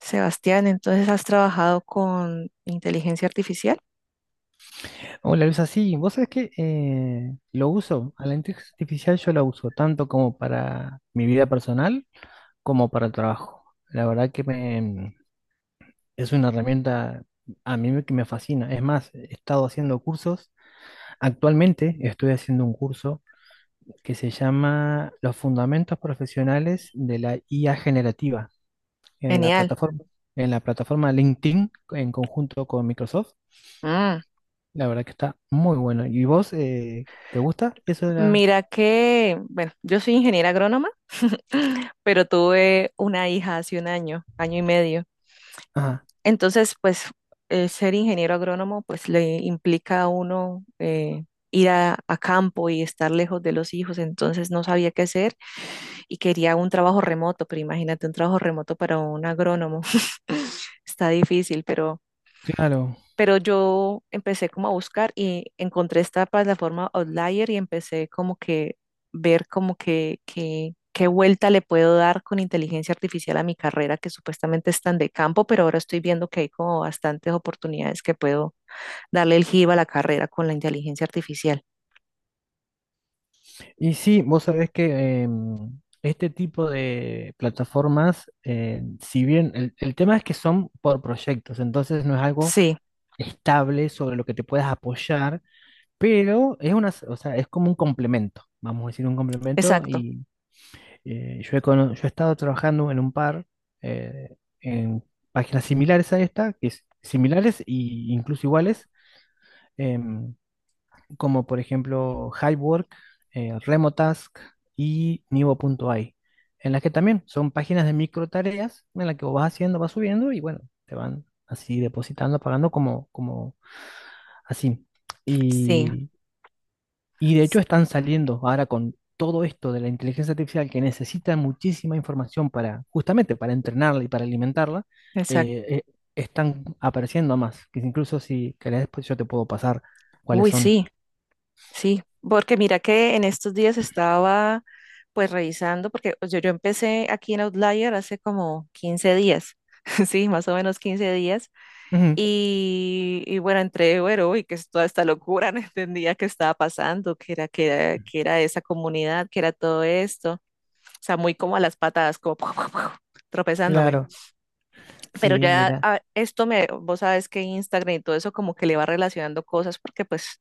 Sebastián, entonces has trabajado con inteligencia artificial. Hola Luisa, sí, vos sabés que lo uso, a la inteligencia artificial yo la uso tanto como para mi vida personal como para el trabajo. La verdad que me, es una herramienta que me fascina. Es más, he estado haciendo cursos. Actualmente estoy haciendo un curso que se llama Los Fundamentos Profesionales de la IA Generativa en la Genial. plataforma, en la plataforma LinkedIn en conjunto con Microsoft. Mm. La verdad que está muy bueno. ¿Y vos te gusta eso? Mira que, bueno, yo soy ingeniera agrónoma pero tuve una hija hace un año, año y medio. Ah, Entonces, pues ser ingeniero agrónomo, pues le implica a uno ir a campo y estar lejos de los hijos. Entonces no sabía qué hacer y quería un trabajo remoto, pero imagínate un trabajo remoto para un agrónomo. Está difícil, pero claro. Yo empecé como a buscar y encontré esta plataforma Outlier y empecé como que ver como que, qué vuelta le puedo dar con inteligencia artificial a mi carrera, que supuestamente es tan de campo, pero ahora estoy viendo que hay como bastantes oportunidades que puedo darle el giro a la carrera con la inteligencia artificial. Y sí, vos sabés que este tipo de plataformas, si bien el tema es que son por proyectos, entonces no es algo Sí, estable sobre lo que te puedas apoyar, pero es una, o sea, es como un complemento, vamos a decir un complemento. exacto. Y yo he estado trabajando en un par en páginas similares a esta, que es similares e incluso iguales. em, Como por ejemplo HiveWork, RemoTask y Nivo.ai, en las que también son páginas de micro tareas en las que vos vas haciendo, vas subiendo y bueno, te van así depositando, pagando como, como así. Sí, Y, y de hecho están saliendo ahora con todo esto de la inteligencia artificial que necesita muchísima información para, justamente para entrenarla y para alimentarla, exacto. eh, eh, están apareciendo más, que incluso si querés, pues yo te puedo pasar cuáles Uy, son. sí. Sí, porque mira que en estos días estaba pues revisando, porque yo empecé aquí en Outlier hace como 15 días, sí, más o menos 15 días, Ujú. Y bueno, entré, bueno, uy, que es toda esta locura, no entendía qué estaba pasando, qué era esa comunidad, qué era todo esto, o sea, muy como a las patadas, como tropezándome. Claro. Pero Sí, ya mira, ah, esto me, vos sabes que Instagram y todo eso como que le va relacionando cosas porque pues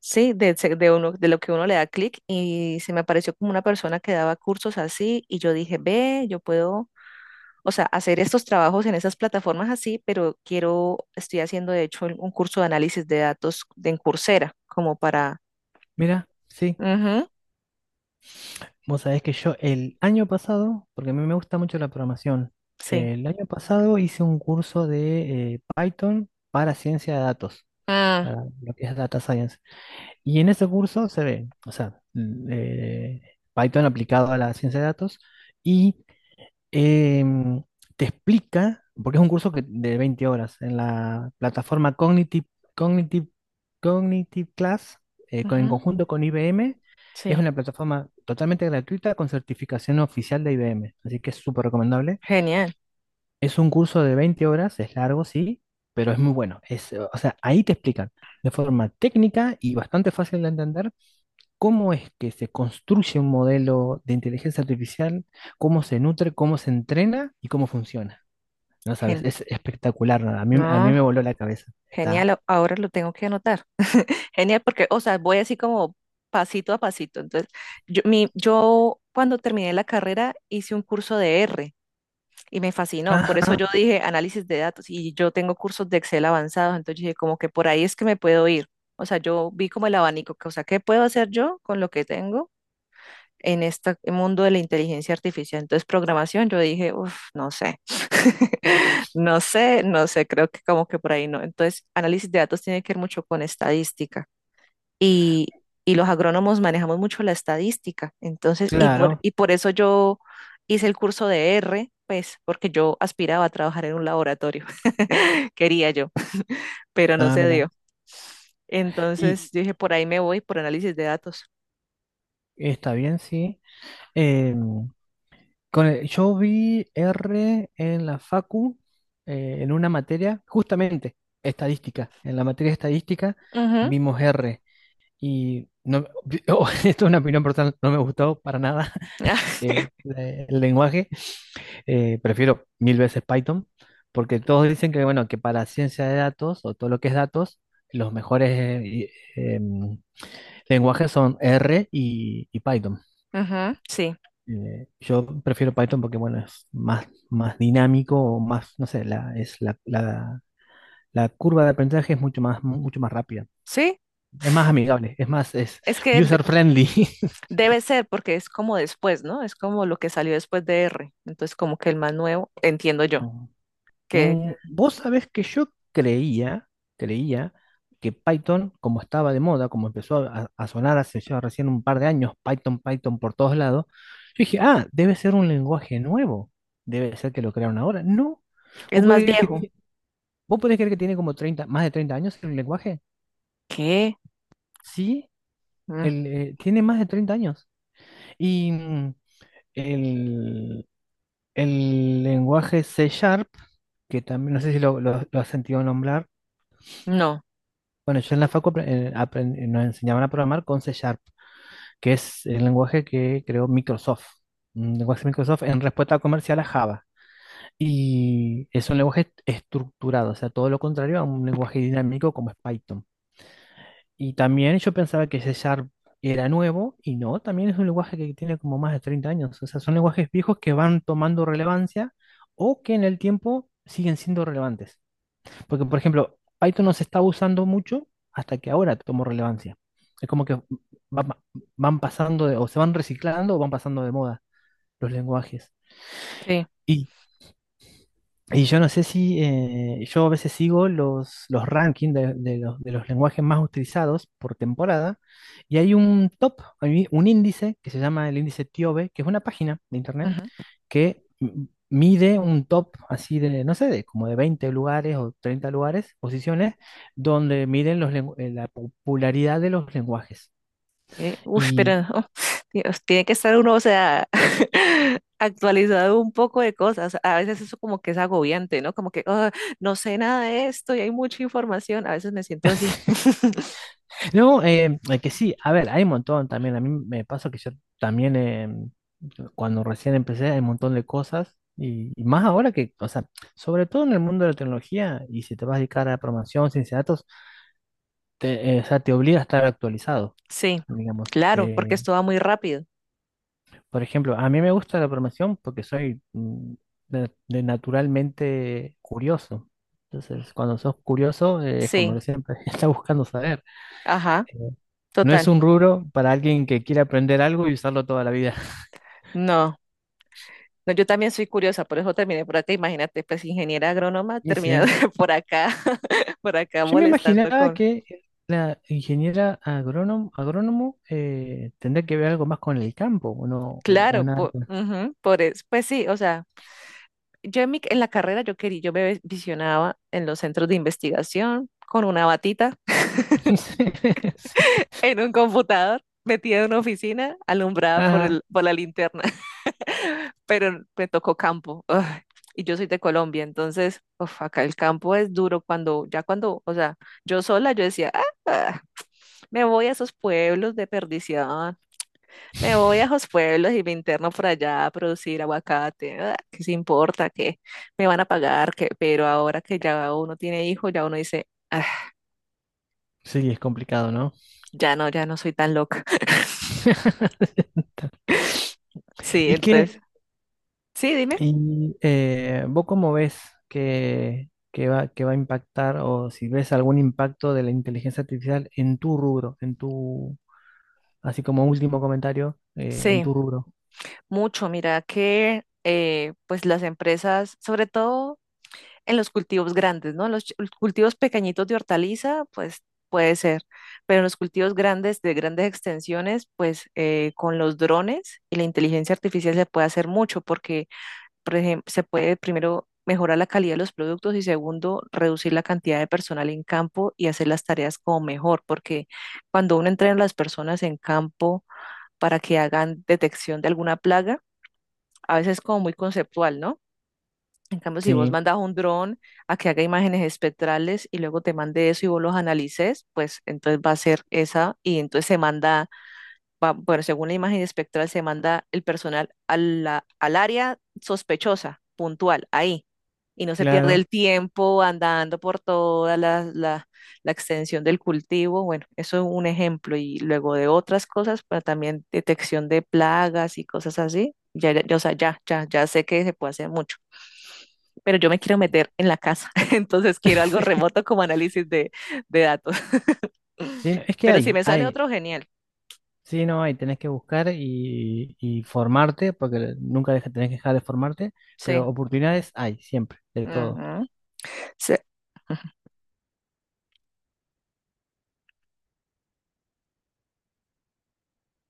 sí, de, de uno, de lo que uno le da clic y se me apareció como una persona que daba cursos así y yo dije, ve, yo puedo, o sea, hacer estos trabajos en esas plataformas así, pero quiero, estoy haciendo de hecho un curso de análisis de datos de en Coursera, como para... mira, sí. Ujú, Vos sabés que yo el año pasado, porque a mí me gusta mucho la programación, sí. el año pasado hice un curso de Python para ciencia de datos, Ah, para lo que es Data Science. Y en ese curso se ve, o sea, Python aplicado a la ciencia de datos y em, te explica, porque es un curso que, de 20 horas en la plataforma Cognitive, Cognitive, Cognitive Class, en ujú, conjunto con IBM. Es sí. una plataforma totalmente gratuita con certificación oficial de IBM, así que es súper recomendable. Genial. Es un curso de 20 horas, es largo, sí, pero es muy bueno. Es, o sea, ahí te explican de forma técnica y bastante fácil de entender cómo es que se construye un modelo de inteligencia artificial, cómo se nutre, cómo se entrena y cómo funciona. No sabes, gen- es espectacular, ¿no? A mí me no, voló la cabeza. Está. genial, ahora lo tengo que anotar. Genial, porque, o sea, voy así como pasito a pasito. Entonces, yo cuando terminé la carrera hice un curso de R, y me fascinó. Por eso Ajá, yo dije análisis de datos y yo tengo cursos de Excel avanzados, entonces dije como que por ahí es que me puedo ir. O sea, yo vi como el abanico, que, o sea, ¿qué puedo hacer yo con lo que tengo en este mundo de la inteligencia artificial? Entonces, programación, yo dije, uff, no sé, no sé, creo que como que por ahí no. Entonces, análisis de datos tiene que ver mucho con estadística y, y los agrónomos manejamos mucho la estadística. Entonces, claro. y por eso yo hice el curso de R, pues, porque yo aspiraba a trabajar en un laboratorio, quería yo, pero no Ah, se mira. dio. Y Entonces, yo dije, por ahí me voy, por análisis de datos. está bien, sí. Eh, yo vi R en la Facu, en una materia, justamente estadística. En la materia de estadística Ujú. vimos R. Y no, esto es una opinión personal, no me gustó para nada. eh, el lenguaje, prefiero mil veces Python, porque todos dicen que, bueno, que para ciencia de datos o todo lo que es datos, los mejores em, lenguajes son R y Python. Ujú, sí, Yo prefiero Python porque, bueno, es más, más dinámico, o más, no sé, la curva de aprendizaje es mucho más rápida. sí, Es más amigable, es más, es es que user friendly. debe ser porque es como después, ¿no? Es como lo que salió después de R. Entonces, como que el más nuevo, entiendo yo, que vos sabés que creía que Python, como estaba de moda, como empezó a sonar hace ya recién un par de años, Python, Python por todos lados, yo dije, ah, debe ser un lenguaje nuevo, debe ser que lo crearon ahora. No, es vos podés más creer que, viejo. ti- vos podés creer que tiene como 30 más de 30 años el lenguaje. ¿Qué? Sí, Mm, tiene más de 30 años. Y el, el lenguaje C Sharp, que también no sé si lo has sentido nombrar. no, Bueno, yo en la facu nos enseñaban a programar con C Sharp, que es el lenguaje que creó Microsoft, un lenguaje de Microsoft en respuesta comercial a Java. Y es un lenguaje estructurado, o sea, todo lo contrario a un lenguaje dinámico como es Python. Y también yo pensaba que C Sharp era nuevo, y no, también es un lenguaje que tiene como más de 30 años. O sea, son lenguajes viejos que van tomando relevancia o que en el tiempo siguen siendo relevantes. Porque, por ejemplo, Python no se está usando mucho hasta que ahora tomó relevancia. Es como que van, van pasando o se van reciclando o van pasando de moda los lenguajes. sí. Y yo no sé si, yo a veces sigo los rankings de los lenguajes más utilizados por temporada, y hay un top, hay un índice que se llama el índice TIOBE, que es una página de internet que mide un top así de, no sé, de como de 20 lugares o 30 lugares, posiciones, donde miden los la popularidad de los lenguajes. Uf, Y pero no, Dios, tiene que estar uno, o sea, actualizado un poco de cosas. A veces eso como que es agobiante, ¿no? Como que "Ah, no sé nada de esto y hay mucha información. A veces me siento así." No, que sí, a ver, hay un montón también. A mí me pasa que yo también, cuando recién empecé, hay un montón de cosas. Y más ahora que, o sea, sobre todo en el mundo de la tecnología, y si te vas a dedicar a programación, ciencia de datos, o sea, te obliga a estar actualizado, Sí, digamos. claro, porque esto va muy rápido. Por ejemplo, a mí me gusta la programación porque soy de naturalmente curioso. Entonces, cuando sos curioso, es como Sí, que siempre estás buscando saber. ajá, Eh, No es total. un rubro para alguien que quiere aprender algo y usarlo toda la vida. No, no, yo también soy curiosa, por eso terminé por acá. Imagínate, pues ingeniera agrónoma Y terminada sí, por acá, por acá yo me molestando imaginaba con. que la ingeniera agrónomo tendría que ver algo más con el campo, o no, o Claro, nada. por, Que- ujú, pues sí, o sea. Yo en la carrera yo quería, yo me visionaba en los centros de investigación con una batita Sí, sí. en un computador, metida en una oficina, alumbrada por Ajá. el, por la linterna, pero me tocó campo. Ugh. Y yo soy de Colombia, entonces, uf, acá el campo es duro cuando, ya cuando, o sea, yo sola, yo decía, "Ah, ah, me voy a esos pueblos de perdición, me voy a los pueblos y me interno por allá a producir aguacate. Ah, ¿qué se importa? ¿Qué me van a pagar? ¿Qué?" Pero ahora que ya uno tiene hijo ya uno dice, "Ah, Sí, es complicado, ¿no? ya no, ya no soy tan loca." Sí, ¿Y qué, entonces, sí, dime. Vos cómo ves que va a impactar o si ves algún impacto de la inteligencia artificial en tu rubro, en tu, así como último comentario, en Sí, tu rubro? mucho. Mira que pues las empresas, sobre todo en los cultivos grandes, ¿no? Los cultivos pequeñitos de hortaliza, pues puede ser, pero en los cultivos grandes de grandes extensiones, pues con los drones y la inteligencia artificial se puede hacer mucho porque, por ejemplo, se puede primero mejorar la calidad de los productos y segundo, reducir la cantidad de personal en campo y hacer las tareas como mejor, porque cuando uno entrena a las personas en campo para que hagan detección de alguna plaga, a veces es como muy conceptual, ¿no? En cambio, si vos Sí. mandas un dron a que haga imágenes espectrales y luego te mande eso y vos los analices, pues entonces va a ser esa y entonces se manda bueno, según la imagen espectral, se manda el personal a al área sospechosa, puntual, ahí. Y no se pierde el Claro. tiempo andando por toda la extensión del cultivo. Bueno, eso es un ejemplo. Y luego de otras cosas, pero también detección de plagas y cosas así. Ya, ya, o sea, ya, ya, ya sé que se puede hacer mucho. Pero yo me quiero meter en la casa. Entonces quiero algo Sí, remoto como análisis de datos. sí, no, es que Pero si hay, me sale hay, otro, genial. sí, no hay, tenés que buscar y formarte, porque nunca tenés que dejar de formarte, Sí. pero oportunidades hay siempre, de todo. Ujú. Se